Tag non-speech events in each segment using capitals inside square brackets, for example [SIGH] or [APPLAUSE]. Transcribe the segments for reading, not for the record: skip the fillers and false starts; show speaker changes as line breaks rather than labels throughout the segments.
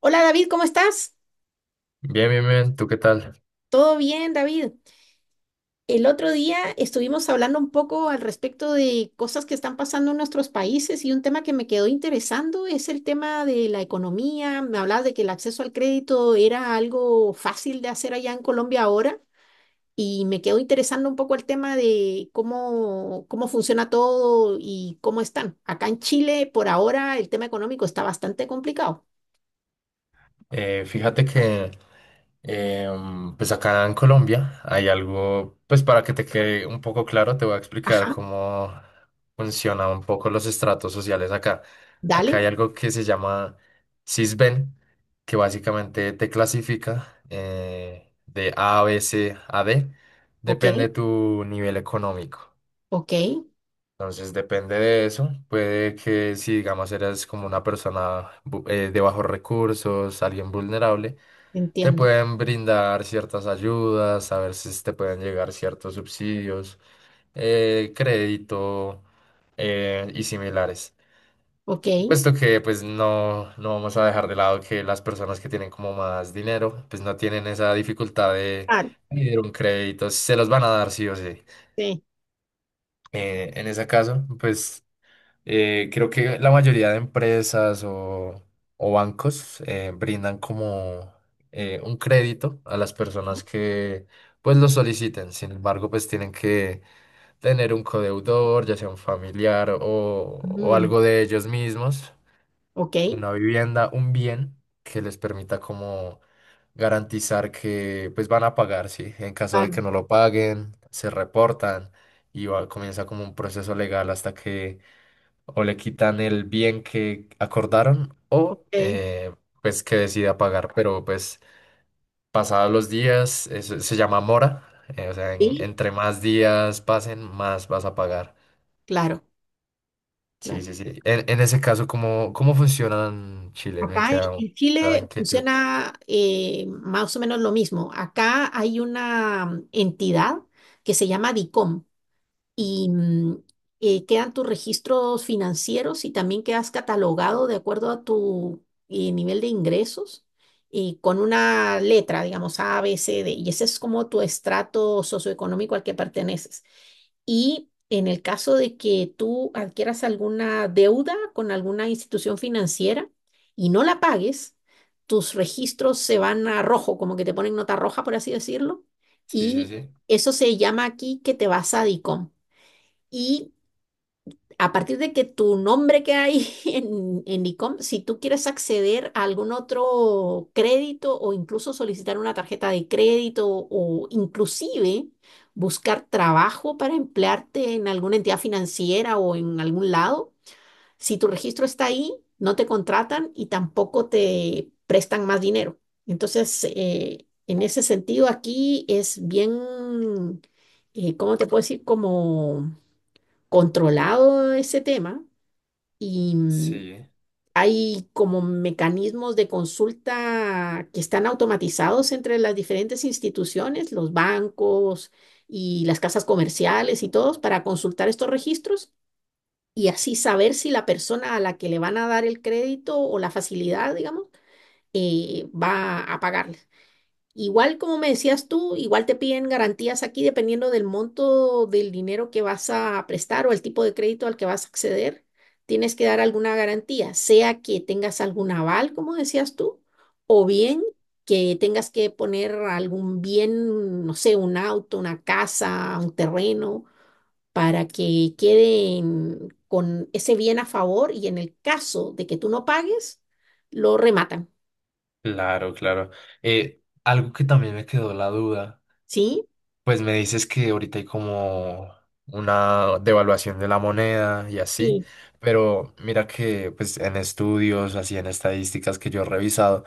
Hola David, ¿cómo estás?
Bien, bien, bien, ¿tú qué tal?
¿Todo bien, David? El otro día estuvimos hablando un poco al respecto de cosas que están pasando en nuestros países y un tema que me quedó interesando es el tema de la economía. Me hablabas de que el acceso al crédito era algo fácil de hacer allá en Colombia ahora y me quedó interesando un poco el tema de cómo funciona todo y cómo están. Acá en Chile, por ahora, el tema económico está bastante complicado.
Fíjate que pues acá en Colombia hay algo. Pues para que te quede un poco claro, te voy a explicar
Ajá,
cómo funcionan un poco los estratos sociales acá. Acá
dale,
hay algo que se llama Sisbén, que básicamente te clasifica de A, B, C, a D,
ok,
depende de tu nivel económico.
ok,
Entonces depende de eso. Puede que si digamos eres como una persona de bajos recursos, alguien vulnerable, te
entiendo,
pueden brindar ciertas ayudas, a ver si te pueden llegar ciertos subsidios, crédito y similares.
ok.
Puesto que pues no, no vamos a dejar de lado que las personas que tienen como más dinero, pues no tienen esa dificultad de
Ah,
pedir un crédito, se los van a dar sí o sí.
sí.
En ese caso, pues... Creo que la mayoría de empresas o bancos brindan como un crédito a las personas que pues lo soliciten. Sin embargo, pues tienen que tener un codeudor, ya sea un familiar o
Mm,
algo de ellos mismos,
ok,
una vivienda, un bien que les permita como garantizar que pues van a pagar, ¿sí? En caso de
vale,
que no lo paguen, se reportan y comienza como un proceso legal hasta que o le quitan el bien que acordaron o
ok.
pues que decida pagar. Pero pues pasados los días, eso se llama mora, o sea,
Sí,
entre más días pasen, más vas a pagar.
claro,
Sí,
claro.
sí, sí. En ese caso, ¿cómo, cómo funciona en Chile? Me
Acá en
queda
en
esa
Chile
inquietud.
funciona más o menos lo mismo. Acá hay una entidad que se llama DICOM y quedan tus registros financieros y también quedas catalogado de acuerdo a tu nivel de ingresos y con una letra, digamos A, B, C, D. Y ese es como tu estrato socioeconómico al que perteneces. Y en el caso de que tú adquieras alguna deuda con alguna institución financiera y no la pagues, tus registros se van a rojo, como que te ponen nota roja, por así decirlo.
Sí, sí,
Y
sí.
eso se llama aquí que te vas a DICOM. Y a partir de que tu nombre que hay [LAUGHS] en ICOM, si tú quieres acceder a algún otro crédito o incluso solicitar una tarjeta de crédito o inclusive buscar trabajo para emplearte en alguna entidad financiera o en algún lado, si tu registro está ahí, no te contratan y tampoco te prestan más dinero. Entonces, en ese sentido, aquí es bien, ¿cómo te puedo decir? Como controlado ese tema y
Sí,
hay como mecanismos de consulta que están automatizados entre las diferentes instituciones, los bancos y las casas comerciales y todos para consultar estos registros y así saber si la persona a la que le van a dar el crédito o la facilidad, digamos, va a pagarles. Igual como me decías tú, igual te piden garantías aquí dependiendo del monto del dinero que vas a prestar o el tipo de crédito al que vas a acceder. Tienes que dar alguna garantía, sea que tengas algún aval, como decías tú, o bien que tengas que poner algún bien, no sé, un auto, una casa, un terreno, para que queden con ese bien a favor y en el caso de que tú no pagues, lo rematan.
claro, claro. Algo que también me quedó la duda.
¿Sí?
Pues me dices que ahorita hay como una devaluación de la moneda y así,
Sí,
pero mira que pues en estudios, así en estadísticas que yo he revisado,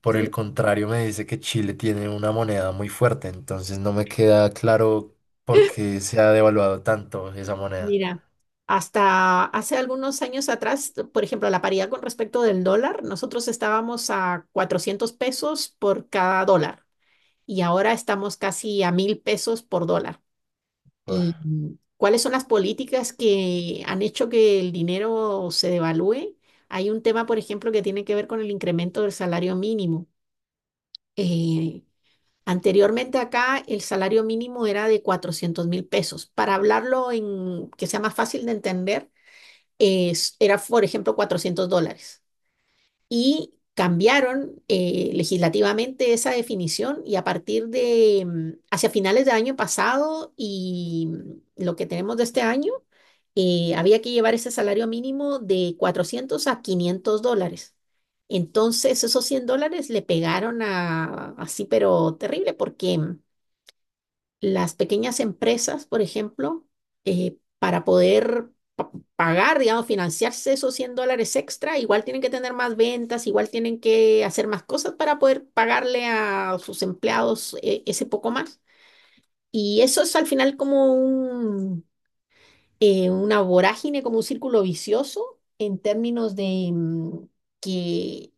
por el
sí.
contrario me dice que Chile tiene una moneda muy fuerte, entonces no me queda claro por qué se ha devaluado tanto esa moneda.
Mira, hasta hace algunos años atrás, por ejemplo, la paridad con respecto del dólar, nosotros estábamos a 400 pesos por cada dólar y ahora estamos casi a 1.000 pesos por dólar.
Uf,
¿Y cuáles son las políticas que han hecho que el dinero se devalúe? Hay un tema, por ejemplo, que tiene que ver con el incremento del salario mínimo. Eh, Anteriormente acá el salario mínimo era de 400.000 pesos. Para hablarlo en que sea más fácil de entender, era, por ejemplo, 400 dólares. Y cambiaron legislativamente esa definición y a partir de, hacia finales del año pasado y lo que tenemos de este año, había que llevar ese salario mínimo de 400 a 500 dólares. Entonces, esos 100 dólares le pegaron a, así, pero terrible, porque las pequeñas empresas, por ejemplo, para poder pagar, digamos, financiarse esos 100 dólares extra, igual tienen que tener más ventas, igual tienen que hacer más cosas para poder pagarle a sus empleados ese poco más. Y eso es al final como un, una vorágine, como un círculo vicioso en términos de que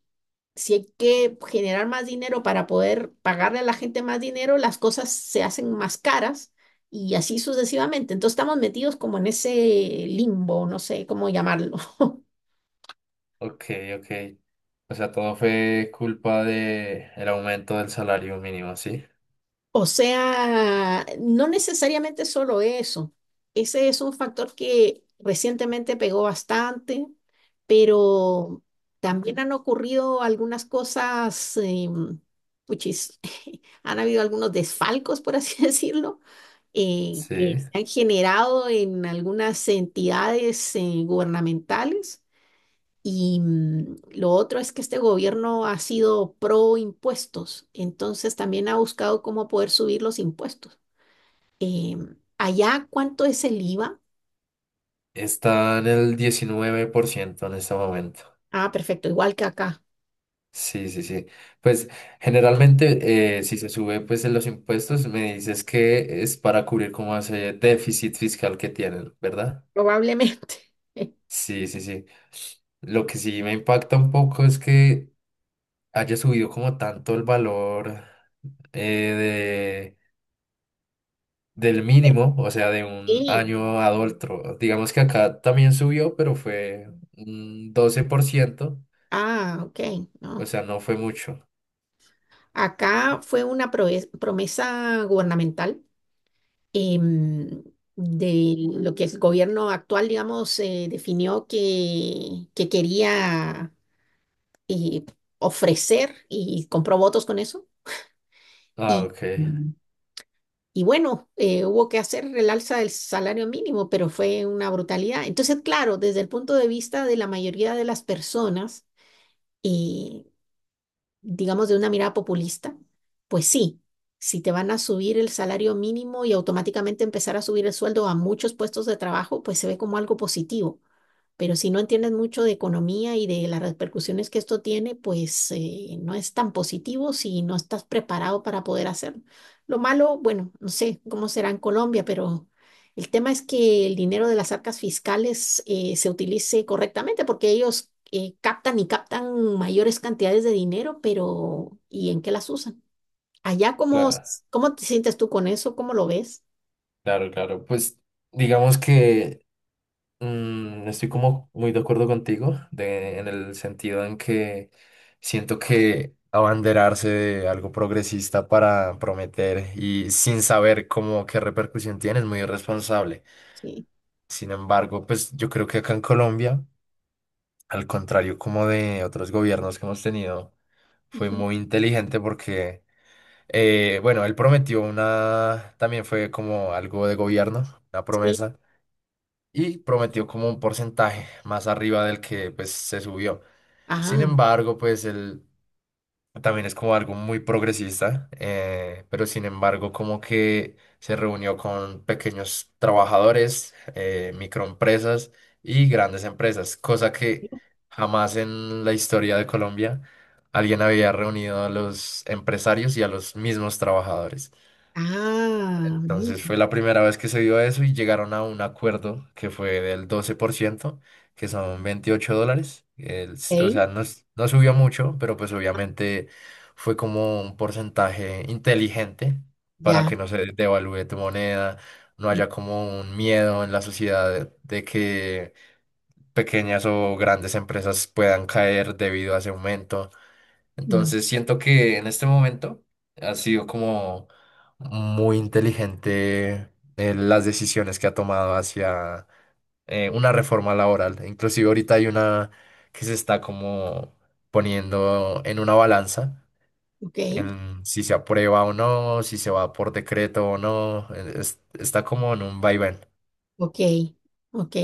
si hay que generar más dinero para poder pagarle a la gente más dinero, las cosas se hacen más caras y así sucesivamente. Entonces estamos metidos como en ese limbo, no sé cómo llamarlo. [LAUGHS]
ok, ok. O sea, ¿todo fue culpa de el aumento del salario mínimo, sí?
O sea, no necesariamente solo eso. Ese es un factor que recientemente pegó bastante, pero también han ocurrido algunas cosas, puchis, [LAUGHS] han habido algunos desfalcos, por así [LAUGHS] decirlo,
Sí.
que se han generado en algunas entidades, gubernamentales y lo otro es que este gobierno ha sido pro impuestos, entonces también ha buscado cómo poder subir los impuestos. Em, allá, ¿cuánto es el IVA?
Está en el 19% en este momento.
Ah, perfecto, igual que acá,
Sí, sí, sí. Pues generalmente, si se sube pues en los impuestos, me dices que es para cubrir como ese déficit fiscal que tienen, ¿verdad?
probablemente. [LAUGHS]
Sí, sí, sí. Lo que sí me impacta un poco es que haya subido como tanto el valor eh, de, del mínimo, o sea, de un
Sí.
año a otro. Digamos que acá también subió, pero fue un 12%,
Ah, ok, no.
o sea, no fue mucho.
Acá fue una promesa gubernamental em, de lo que el gobierno actual, digamos, definió que quería eh, ofrecer y compró votos con eso. Y,
Ah, ok.
y bueno, hubo que hacer el alza del salario mínimo, pero fue una brutalidad. Entonces, claro, desde el punto de vista de la mayoría de las personas, y digamos de una mirada populista, pues sí, si te van a subir el salario mínimo y automáticamente empezar a subir el sueldo a muchos puestos de trabajo, pues se ve como algo positivo. Pero si no entiendes mucho de economía y de las repercusiones que esto tiene, pues no es tan positivo si no estás preparado para poder hacerlo. Lo malo, bueno, no sé cómo será en Colombia, pero el tema es que el dinero de las arcas fiscales se utilice correctamente porque ellos captan y captan mayores cantidades de dinero, pero ¿y en qué las usan? Allá, ¿cómo,
Claro.
cómo te sientes tú con eso? ¿Cómo lo ves?
Claro, claro. Pues digamos que estoy como muy de acuerdo contigo de, en el sentido en que siento que abanderarse de algo progresista para prometer y sin saber cómo qué repercusión tiene es muy irresponsable.
Sí.
Sin embargo, pues yo creo que acá en Colombia, al contrario como de otros gobiernos que hemos tenido, fue
Ujú.
muy inteligente porque... Bueno, él prometió una, también fue como algo de gobierno, una
Sí.
promesa, y prometió como un porcentaje más arriba del que pues se subió. Sin
Ah,
embargo, pues él también es como algo muy progresista, pero sin embargo como que se reunió con pequeños trabajadores, microempresas y grandes empresas, cosa que jamás en la historia de Colombia alguien había reunido a los empresarios y a los mismos trabajadores.
ah,
Entonces
mira.
fue la primera vez que se dio eso y llegaron a un acuerdo que fue del 12%, que son $28. O
Ok.
sea, no, no subió mucho, pero pues obviamente fue como un porcentaje inteligente para
Ya.
que no se devalúe tu moneda, no
Mm,
haya como un miedo en la sociedad de que pequeñas o grandes empresas puedan caer debido a ese aumento.
mm.
Entonces siento que en este momento ha sido como muy inteligente las decisiones que ha tomado hacia una reforma laboral. Inclusive ahorita hay una que se está como poniendo en una balanza,
Ok,
en si se aprueba o no, si se va por decreto o no. Está como en un vaivén.
ok, ok.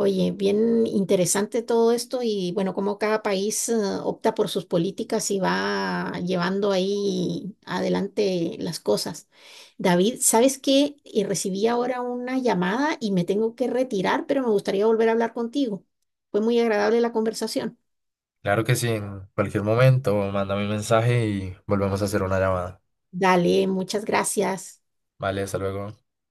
Oye, bien interesante todo esto y bueno, como cada país opta por sus políticas y va llevando ahí adelante las cosas. David, ¿sabes qué? Recibí ahora una llamada y me tengo que retirar, pero me gustaría volver a hablar contigo. Fue muy agradable la conversación.
Claro que sí, en cualquier momento, mándame un mensaje y volvemos a hacer una llamada.
Dale, muchas gracias.
Vale, hasta luego.